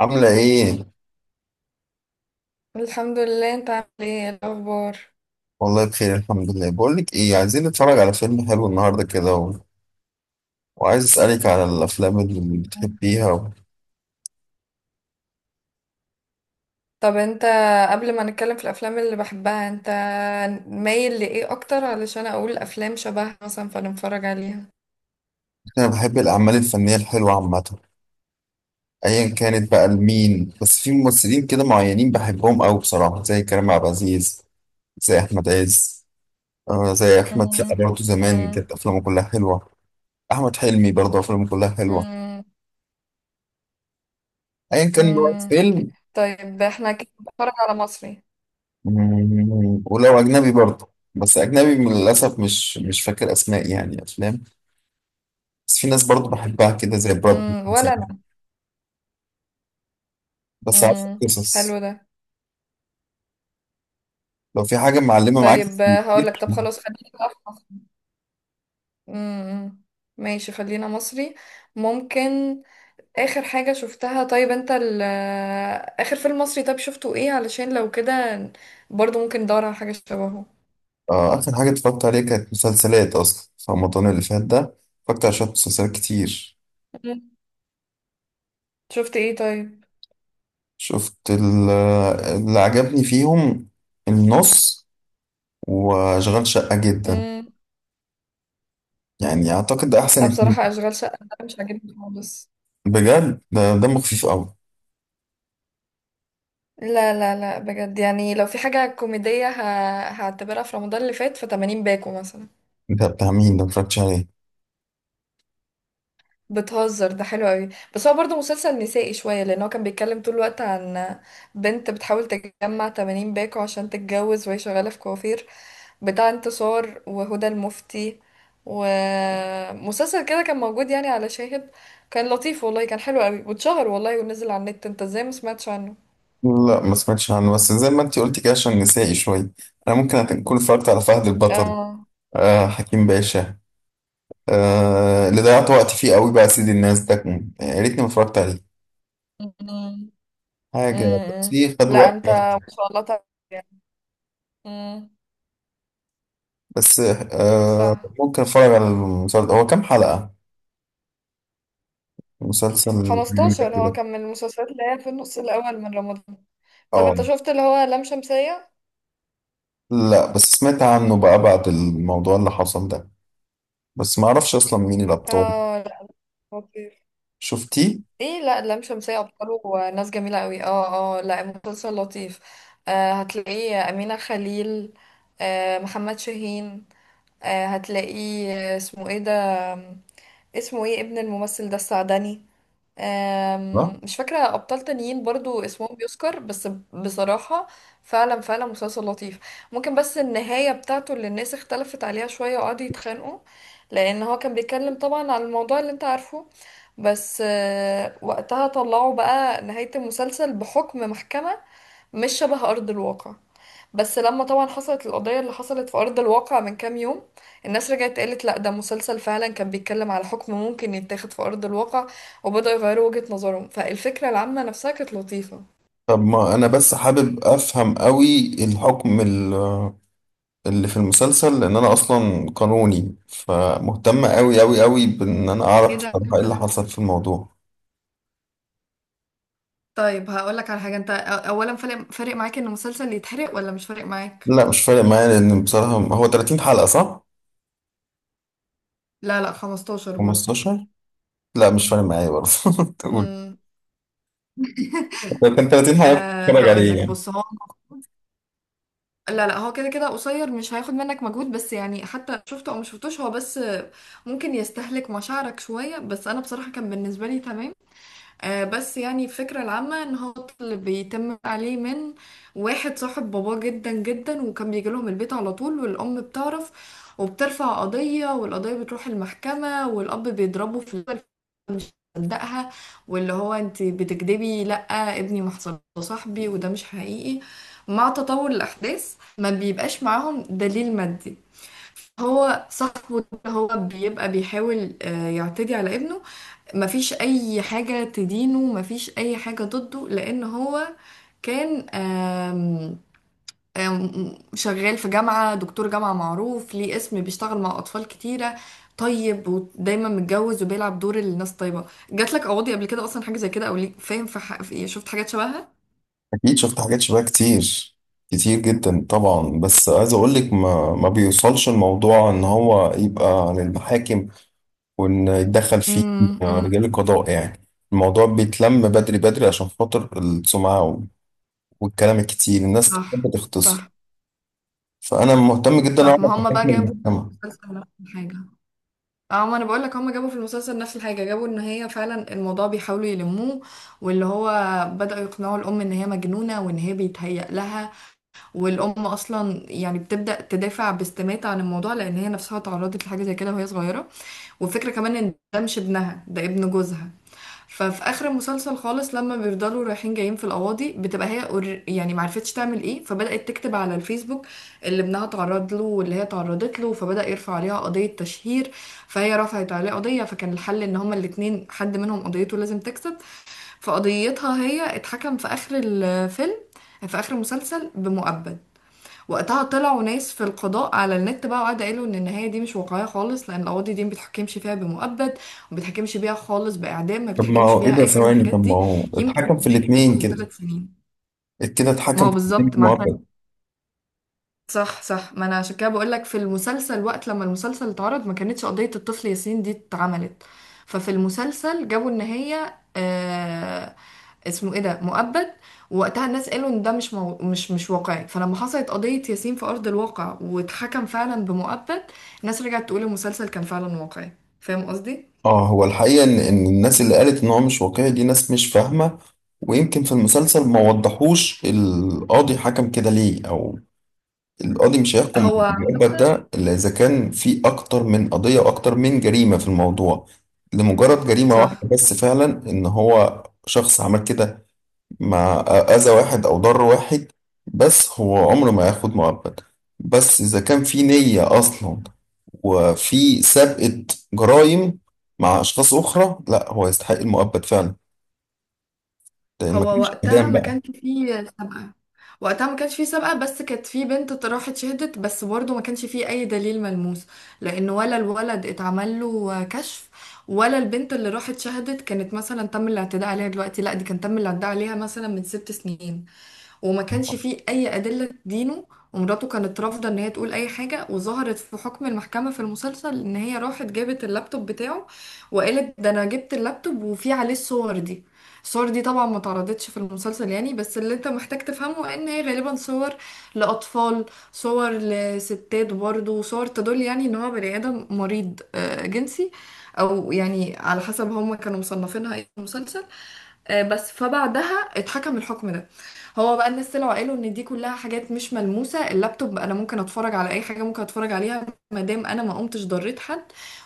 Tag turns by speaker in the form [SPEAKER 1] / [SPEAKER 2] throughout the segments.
[SPEAKER 1] عاملة ايه؟
[SPEAKER 2] الحمد لله. انت عامل ايه؟ ايه الاخبار؟
[SPEAKER 1] والله بخير الحمد لله. بقولك ايه، عايزين نتفرج على فيلم حلو النهاردة كده وعايز اسألك على الأفلام اللي بتحبيها
[SPEAKER 2] طب انت قبل ما نتكلم في الافلام اللي بحبها، انت مايل لايه اكتر علشان اقول افلام شبهها مثلا فنتفرج عليها؟
[SPEAKER 1] أنا بحب الأعمال الفنية الحلوة عامة، أيا كانت بقى لمين. بس في ممثلين كده معينين بحبهم أوي بصراحة، زي كريم عبد العزيز، زي أحمد عز، زي أحمد سقا
[SPEAKER 2] مم،
[SPEAKER 1] برضه، زمان
[SPEAKER 2] مم،
[SPEAKER 1] كانت أفلامه كلها حلوة. أحمد حلمي برضه أفلامه كلها حلوة،
[SPEAKER 2] مم،
[SPEAKER 1] أيا كان نوع
[SPEAKER 2] مم.
[SPEAKER 1] الفيلم.
[SPEAKER 2] طيب احنا كده بنتفرج على مصري.
[SPEAKER 1] مم، ولو أجنبي برضه، بس أجنبي للأسف مش فاكر أسماء يعني أفلام. بس في ناس برضه بحبها كده زي براد بيت
[SPEAKER 2] ولا انا.
[SPEAKER 1] مثلاً. بس عارف
[SPEAKER 2] مم،
[SPEAKER 1] قصص،
[SPEAKER 2] حلو ده.
[SPEAKER 1] لو في حاجة معلمة معاك
[SPEAKER 2] طيب
[SPEAKER 1] في
[SPEAKER 2] هقول لك،
[SPEAKER 1] الكتير.
[SPEAKER 2] طب خلاص خلينا بقى في مصري. مم، مم. ماشي، خلينا مصري. ممكن اخر حاجة شفتها؟ طيب انت اخر فيلم مصري طيب شفته ايه؟ علشان لو كده برضو ممكن ندور على حاجة شبهه.
[SPEAKER 1] آه، آخر حاجة اتفرجت عليها كانت مسلسلات أصلا في رمضان اللي فات ده. اتفرجت على شوية مسلسلات كتير.
[SPEAKER 2] مم. شفت ايه طيب؟
[SPEAKER 1] شفت ال- اللي عجبني فيهم النص وأشغال شقة جدا،
[SPEAKER 2] امم
[SPEAKER 1] يعني أعتقد ده أحسن اتنين.
[SPEAKER 2] بصراحة اشغال شقة ده مش عاجبني خالص.
[SPEAKER 1] بجد ده دمه خفيف أوي.
[SPEAKER 2] لا لا لا، بجد يعني لو في حاجة كوميدية هعتبرها في رمضان اللي فات فتمانين باكو مثلا.
[SPEAKER 1] ده بتاع مين ده؟ متفرجتش عليه.
[SPEAKER 2] بتهزر، ده حلو قوي. بس هو برضه مسلسل نسائي شوية، لأن هو كان بيتكلم طول الوقت عن بنت بتحاول تجمع 80 باكو عشان تتجوز وهي شغالة في كوافير بتاع انتصار وهدى المفتي. ومسلسل كده كان موجود يعني على شاهد، كان لطيف والله، كان حلو قوي واتشهر والله ونزل على النت، انت ازاي ما سمعتش عنه؟
[SPEAKER 1] لا ما سمعتش عنه، بس زي ما انت قلت كده عشان نسائي شوية. انا ممكن اكون اتفرجت على فهد البطل،
[SPEAKER 2] اه.
[SPEAKER 1] آه حكيم باشا، آه اللي ضيعت وقت فيه قوي بقى سيد الناس يا ريتني ما اتفرجت عليه.
[SPEAKER 2] أمم،
[SPEAKER 1] حاجة بس
[SPEAKER 2] أمم.
[SPEAKER 1] فيه خد
[SPEAKER 2] لا
[SPEAKER 1] وقت.
[SPEAKER 2] انت ما شاء الله تعرف يعني. أمم،
[SPEAKER 1] بس آه،
[SPEAKER 2] صح.
[SPEAKER 1] ممكن اتفرج على المسلسل، هو كام حلقة المسلسل الجميل ده
[SPEAKER 2] 15 هو
[SPEAKER 1] كده؟
[SPEAKER 2] كان من المسلسلات اللي هي في النص الأول من رمضان. طب
[SPEAKER 1] اه.
[SPEAKER 2] انت شفت اللي هو لام شمسية؟
[SPEAKER 1] لا، بس سمعت عنه بقى بعد الموضوع اللي حصل ده، بس ما اعرفش اصلا مين الابطال.
[SPEAKER 2] اه لا، لطيف.
[SPEAKER 1] شفتيه؟
[SPEAKER 2] ايه، لا لام شمسية أبطاله ناس جميلة قوي، اه اه لا مسلسل لطيف. آه هتلاقيه أمينة خليل، آه محمد شاهين، آه هتلاقيه آه، اسمه ايه ده، اسمه ايه ابن الممثل ده السعدني.
[SPEAKER 1] لا.
[SPEAKER 2] مش فاكرة أبطال تانيين برضو اسمهم بيذكر بس. بصراحة، فعلا مسلسل لطيف. ممكن بس النهاية بتاعته اللي الناس اختلفت عليها شوية وقعدوا يتخانقوا، لأن هو كان بيتكلم طبعا على الموضوع اللي انت عارفه. بس وقتها طلعوا بقى نهاية المسلسل بحكم محكمة مش شبه أرض الواقع. بس لما طبعا حصلت القضية اللي حصلت في أرض الواقع من كام يوم، الناس رجعت قالت لأ ده مسلسل فعلا كان بيتكلم على حكم ممكن يتاخد في أرض الواقع، وبدأوا يغيروا وجهة نظرهم. فالفكرة العامة نفسها كانت لطيفة.
[SPEAKER 1] طب ما انا بس حابب افهم قوي الحكم اللي في المسلسل، لان انا اصلا قانوني فمهتم قوي قوي قوي بان انا اعرف
[SPEAKER 2] ايه ده؟
[SPEAKER 1] بصراحه ايه اللي حصل في الموضوع.
[SPEAKER 2] طيب هقولك على حاجة. انت اولا فارق معاك ان مسلسل يتحرق ولا مش فارق معاك؟
[SPEAKER 1] لا مش فارق معايا، لان بصراحه هو 30 حلقه، صح؟
[SPEAKER 2] لا لا، 15 برضه.
[SPEAKER 1] 15؟ لا مش فارق معايا برضه تقول.
[SPEAKER 2] امم
[SPEAKER 1] لو كان 30 حلقه كنت
[SPEAKER 2] أه
[SPEAKER 1] اتفرج عليه
[SPEAKER 2] هقولك
[SPEAKER 1] يعني.
[SPEAKER 2] بص، هو لا لا هو كده كده قصير مش هياخد منك مجهود، بس يعني حتى شفته او مش شفتوش هو بس ممكن يستهلك مشاعرك شوية. بس انا بصراحة كان بالنسبة لي تمام. بس يعني الفكرة العامة ان هو طفل بيتم عليه من واحد صاحب باباه جدا جدا، وكان بيجي لهم البيت على طول، والام بتعرف وبترفع قضية والقضية بتروح المحكمة، والاب بيضربه في الأول، مش مصدقها، واللي هو انت بتكدبي، لا ابني ما حصلش ده صاحبي وده مش حقيقي. مع تطور الاحداث ما بيبقاش معاهم دليل مادي. هو صاحبه ده، هو بيبقى بيحاول يعتدي على ابنه. مفيش اي حاجة تدينه، مفيش اي حاجة ضده، لان هو كان آم، آم، شغال في جامعة، دكتور جامعة معروف ليه اسم، بيشتغل مع اطفال كتيرة. طيب ودايما متجوز وبيلعب دور الناس طيبة. جاتلك قواضي قبل كده اصلا حاجة زي كده؟ او ليك فاهم في إيه، شفت حاجات شبهها؟
[SPEAKER 1] اكيد شفت حاجات شبه كتير، كتير جدا طبعا. بس عايز اقول لك ما بيوصلش الموضوع ان هو يبقى للمحاكم وان يتدخل فيه
[SPEAKER 2] امم امم.
[SPEAKER 1] رجال القضاء يعني. الموضوع بيتلم بدري بدري عشان خاطر السمعة والكلام الكتير، الناس بتحب
[SPEAKER 2] صح
[SPEAKER 1] تختصر.
[SPEAKER 2] صح.
[SPEAKER 1] فأنا مهتم جدا
[SPEAKER 2] صح
[SPEAKER 1] أعرف
[SPEAKER 2] ما هم بقى
[SPEAKER 1] حكم
[SPEAKER 2] جابوا
[SPEAKER 1] المحكمة.
[SPEAKER 2] مسلسل نفس الحاجة. اه ما انا بقول لك هم جابوا في المسلسل نفس الحاجه. جابوا ان هي فعلا الموضوع بيحاولوا يلموه، واللي هو بداوا يقنعوا الام ان هي مجنونه وان هي بيتهيأ لها. والام اصلا يعني بتبدا تدافع باستماتة عن الموضوع، لان هي نفسها اتعرضت لحاجه زي كده وهي صغيره. والفكره كمان ان ده مش ابنها، ده ابن جوزها. ففي اخر المسلسل خالص، لما بيفضلوا رايحين جايين في القواضي، بتبقى هي يعني معرفتش تعمل ايه، فبدأت تكتب على الفيسبوك اللي ابنها تعرض له واللي هي تعرضت له. فبدأ يرفع عليها قضية تشهير، فهي رفعت عليه قضية، فكان الحل ان هما الاتنين حد منهم قضيته لازم تكسب. فقضيتها هي اتحكم في اخر الفيلم، في اخر المسلسل، بمؤبد. وقتها طلعوا ناس في القضاء على النت بقى، وقعدوا قالوا ان النهايه دي مش واقعيه خالص، لان القاضي دي ما بتحكمش فيها بمؤبد، وما بتحكمش بيها خالص باعدام، ما
[SPEAKER 1] طب ما
[SPEAKER 2] بتحكمش
[SPEAKER 1] هو إيه
[SPEAKER 2] بيها
[SPEAKER 1] ده؟
[SPEAKER 2] اي حاجه من
[SPEAKER 1] ثواني،
[SPEAKER 2] الحاجات
[SPEAKER 1] طب ما
[SPEAKER 2] دي.
[SPEAKER 1] هو
[SPEAKER 2] يمكن
[SPEAKER 1] اتحكم في
[SPEAKER 2] كمان
[SPEAKER 1] الاتنين
[SPEAKER 2] توصل
[SPEAKER 1] كده
[SPEAKER 2] لثلاث سنين.
[SPEAKER 1] كده
[SPEAKER 2] ما
[SPEAKER 1] اتحكم
[SPEAKER 2] هو
[SPEAKER 1] في الاتنين
[SPEAKER 2] بالظبط. مع
[SPEAKER 1] معبد؟
[SPEAKER 2] صح صح. ما انا عشان كده بقول لك في المسلسل، وقت لما المسلسل اتعرض ما كانتش قضية الطفل ياسين دي اتعملت. ففي المسلسل جابوا ان هي آه، اسمه ايه ده، مؤبد. ووقتها الناس قالوا ان ده مش واقعي. فلما حصلت قضية ياسين في ارض الواقع واتحكم فعلا بمؤبد، الناس رجعت تقول المسلسل كان فعلا واقعي. فاهم قصدي؟
[SPEAKER 1] اه، هو الحقيقة إن الناس اللي قالت إن هو مش واقعي دي ناس مش فاهمة. ويمكن في المسلسل ما وضحوش القاضي حكم كده ليه. أو القاضي مش هيحكم
[SPEAKER 2] هو
[SPEAKER 1] بالمعبد ده إلا إذا كان في أكتر من قضية وأكتر من جريمة في الموضوع. لمجرد جريمة واحدة
[SPEAKER 2] صح.
[SPEAKER 1] بس فعلا إن هو شخص عمل كده مع أذى واحد أو ضر واحد، بس هو عمره ما ياخد مؤبد. بس إذا كان في نية أصلا وفي سابقة جرائم مع أشخاص أخرى، لا هو يستحق المؤبد فعلا، لأن ما
[SPEAKER 2] هو
[SPEAKER 1] كانش
[SPEAKER 2] وقتها
[SPEAKER 1] إعدام
[SPEAKER 2] ما
[SPEAKER 1] بقى.
[SPEAKER 2] كانش فيه سابقة. وقتها ما كانش فيه سابقة، بس كانت فيه بنت راحت شهدت، بس برضه ما كانش فيه أي دليل ملموس. لأن ولا الولد اتعمل له كشف، ولا البنت اللي راحت شهدت كانت مثلا تم الاعتداء عليها دلوقتي، لا دي كان تم الاعتداء عليها مثلا من 6 سنين، وما كانش فيه أي أدلة تدينه. ومراته كانت رافضة إن هي تقول أي حاجة، وظهرت في حكم المحكمة في المسلسل إن هي راحت جابت اللابتوب بتاعه، وقالت ده أنا جبت اللابتوب وفيه عليه الصور دي. الصور دي طبعا ما اتعرضتش في المسلسل يعني، بس اللي انت محتاج تفهمه ان هي غالبا صور لأطفال، صور لستات برضه، صور تدل يعني ان هو بني آدم مريض جنسي، او يعني على حسب هم كانوا مصنفينها ايه في المسلسل. بس فبعدها اتحكم الحكم ده. هو بقى الناس طلعوا قالوا ان دي كلها حاجات مش ملموسة. اللابتوب انا ممكن اتفرج على اي حاجة، ممكن اتفرج عليها ما دام انا ما قمتش ضريت حد،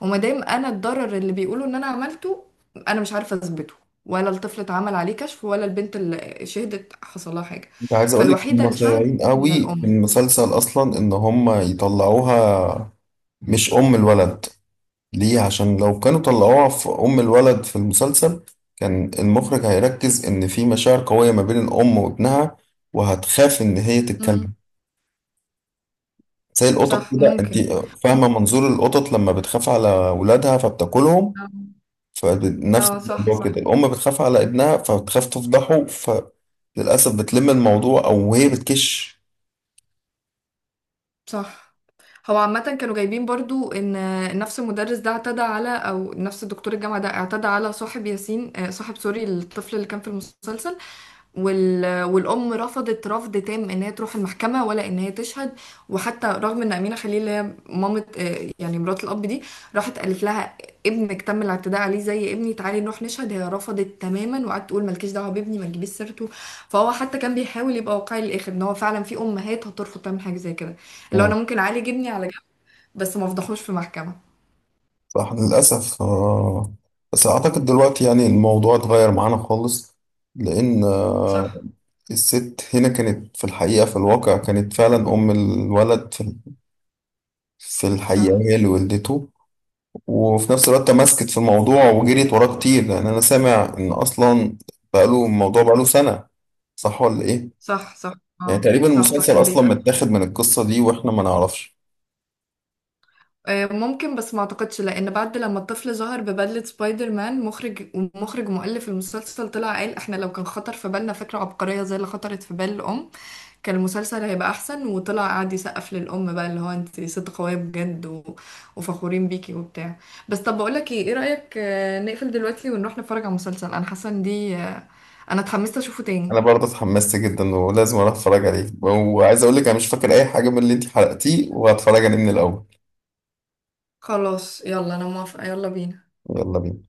[SPEAKER 2] وما دام انا الضرر اللي بيقولوا ان انا عملته انا مش عارفة اثبته، ولا الطفل اتعمل عليه كشف، ولا البنت اللي شهدت حصل لها حاجة.
[SPEAKER 1] أنت عايز أقول لك
[SPEAKER 2] فالوحيدة
[SPEAKER 1] هم
[SPEAKER 2] اللي شهدت
[SPEAKER 1] صايعين
[SPEAKER 2] هي
[SPEAKER 1] قوي في
[SPEAKER 2] الام.
[SPEAKER 1] المسلسل أصلا إن هم يطلعوها مش أم الولد. ليه؟ عشان لو كانوا طلعوها في أم الولد في المسلسل، كان المخرج هيركز إن في مشاعر قوية ما بين الأم وابنها، وهتخاف إن هي
[SPEAKER 2] امم
[SPEAKER 1] تتكلم. زي القطط
[SPEAKER 2] صح
[SPEAKER 1] كده، أنت
[SPEAKER 2] ممكن.
[SPEAKER 1] فاهمة منظور القطط لما بتخاف على ولادها فبتاكلهم؟
[SPEAKER 2] اه.
[SPEAKER 1] فنفس
[SPEAKER 2] صح
[SPEAKER 1] الموضوع
[SPEAKER 2] صح.
[SPEAKER 1] كده، الأم بتخاف على ابنها فبتخاف تفضحه، فللأسف بتلم الموضوع أو هي بتكش.
[SPEAKER 2] صح هو عامة كانوا جايبين برضو ان نفس المدرس ده اعتدى على، او نفس دكتور الجامعة ده اعتدى على صاحب ياسين، صاحب سوري الطفل اللي كان في المسلسل. والأم رفضت رفض تام إن هي تروح المحكمة ولا إن هي تشهد. وحتى رغم إن أمينة خليل اللي هي مامة، يعني مرات الأب دي، راحت قالت لها ابنك تم الاعتداء عليه زي ابني تعالي نروح نشهد، هي رفضت تماما وقعدت تقول مالكيش دعوة بابني ما تجيبيش سيرته. فهو حتى كان بيحاول يبقى واقعي للآخر إن هو فعلا في أمهات هترفض تعمل حاجة زي كده، اللي هو
[SPEAKER 1] مم.
[SPEAKER 2] أنا ممكن أعالج ابني على جنب بس ما أفضحوش في محكمة.
[SPEAKER 1] صح للأسف، آه. بس أعتقد دلوقتي يعني الموضوع اتغير معانا خالص، لأن
[SPEAKER 2] صح
[SPEAKER 1] الست هنا كانت في الحقيقة، في الواقع كانت فعلا أم الولد. في في الحقيقة
[SPEAKER 2] صح
[SPEAKER 1] هي اللي ولدته، وفي نفس الوقت تمسكت في الموضوع وجريت وراه كتير. لأن أنا سامع إن أصلا بقاله الموضوع بقاله سنة، صح ولا إيه؟
[SPEAKER 2] صح.
[SPEAKER 1] يعني
[SPEAKER 2] اه
[SPEAKER 1] تقريبا
[SPEAKER 2] صح صح،
[SPEAKER 1] المسلسل
[SPEAKER 2] كان
[SPEAKER 1] أصلا
[SPEAKER 2] بيتقال.
[SPEAKER 1] متاخد من القصة دي وإحنا ما نعرفش.
[SPEAKER 2] ممكن، بس ما اعتقدش، لان بعد لما الطفل ظهر ببدلة سبايدر مان، مخرج مؤلف المسلسل طلع قال احنا لو كان خطر في بالنا فكرة عبقرية زي اللي خطرت في بال الام كان المسلسل هيبقى احسن. وطلع قعد يسقف للام بقى اللي هو انت ست قوية بجد وفخورين بيكي وبتاع. بس طب بقول لك ايه، ايه رأيك نقفل دلوقتي ونروح نتفرج على مسلسل؟ انا حاسة ان دي انا اتحمست اشوفه تاني.
[SPEAKER 1] أنا برضه اتحمست جدا ولازم أروح أتفرج عليه، وعايز أقول لك أنا مش فاكر أي حاجة من اللي أنت حرقتيه وهتفرج عليه من الأول.
[SPEAKER 2] خلاص يلا انا موافقة، يلا بينا.
[SPEAKER 1] يلا بينا.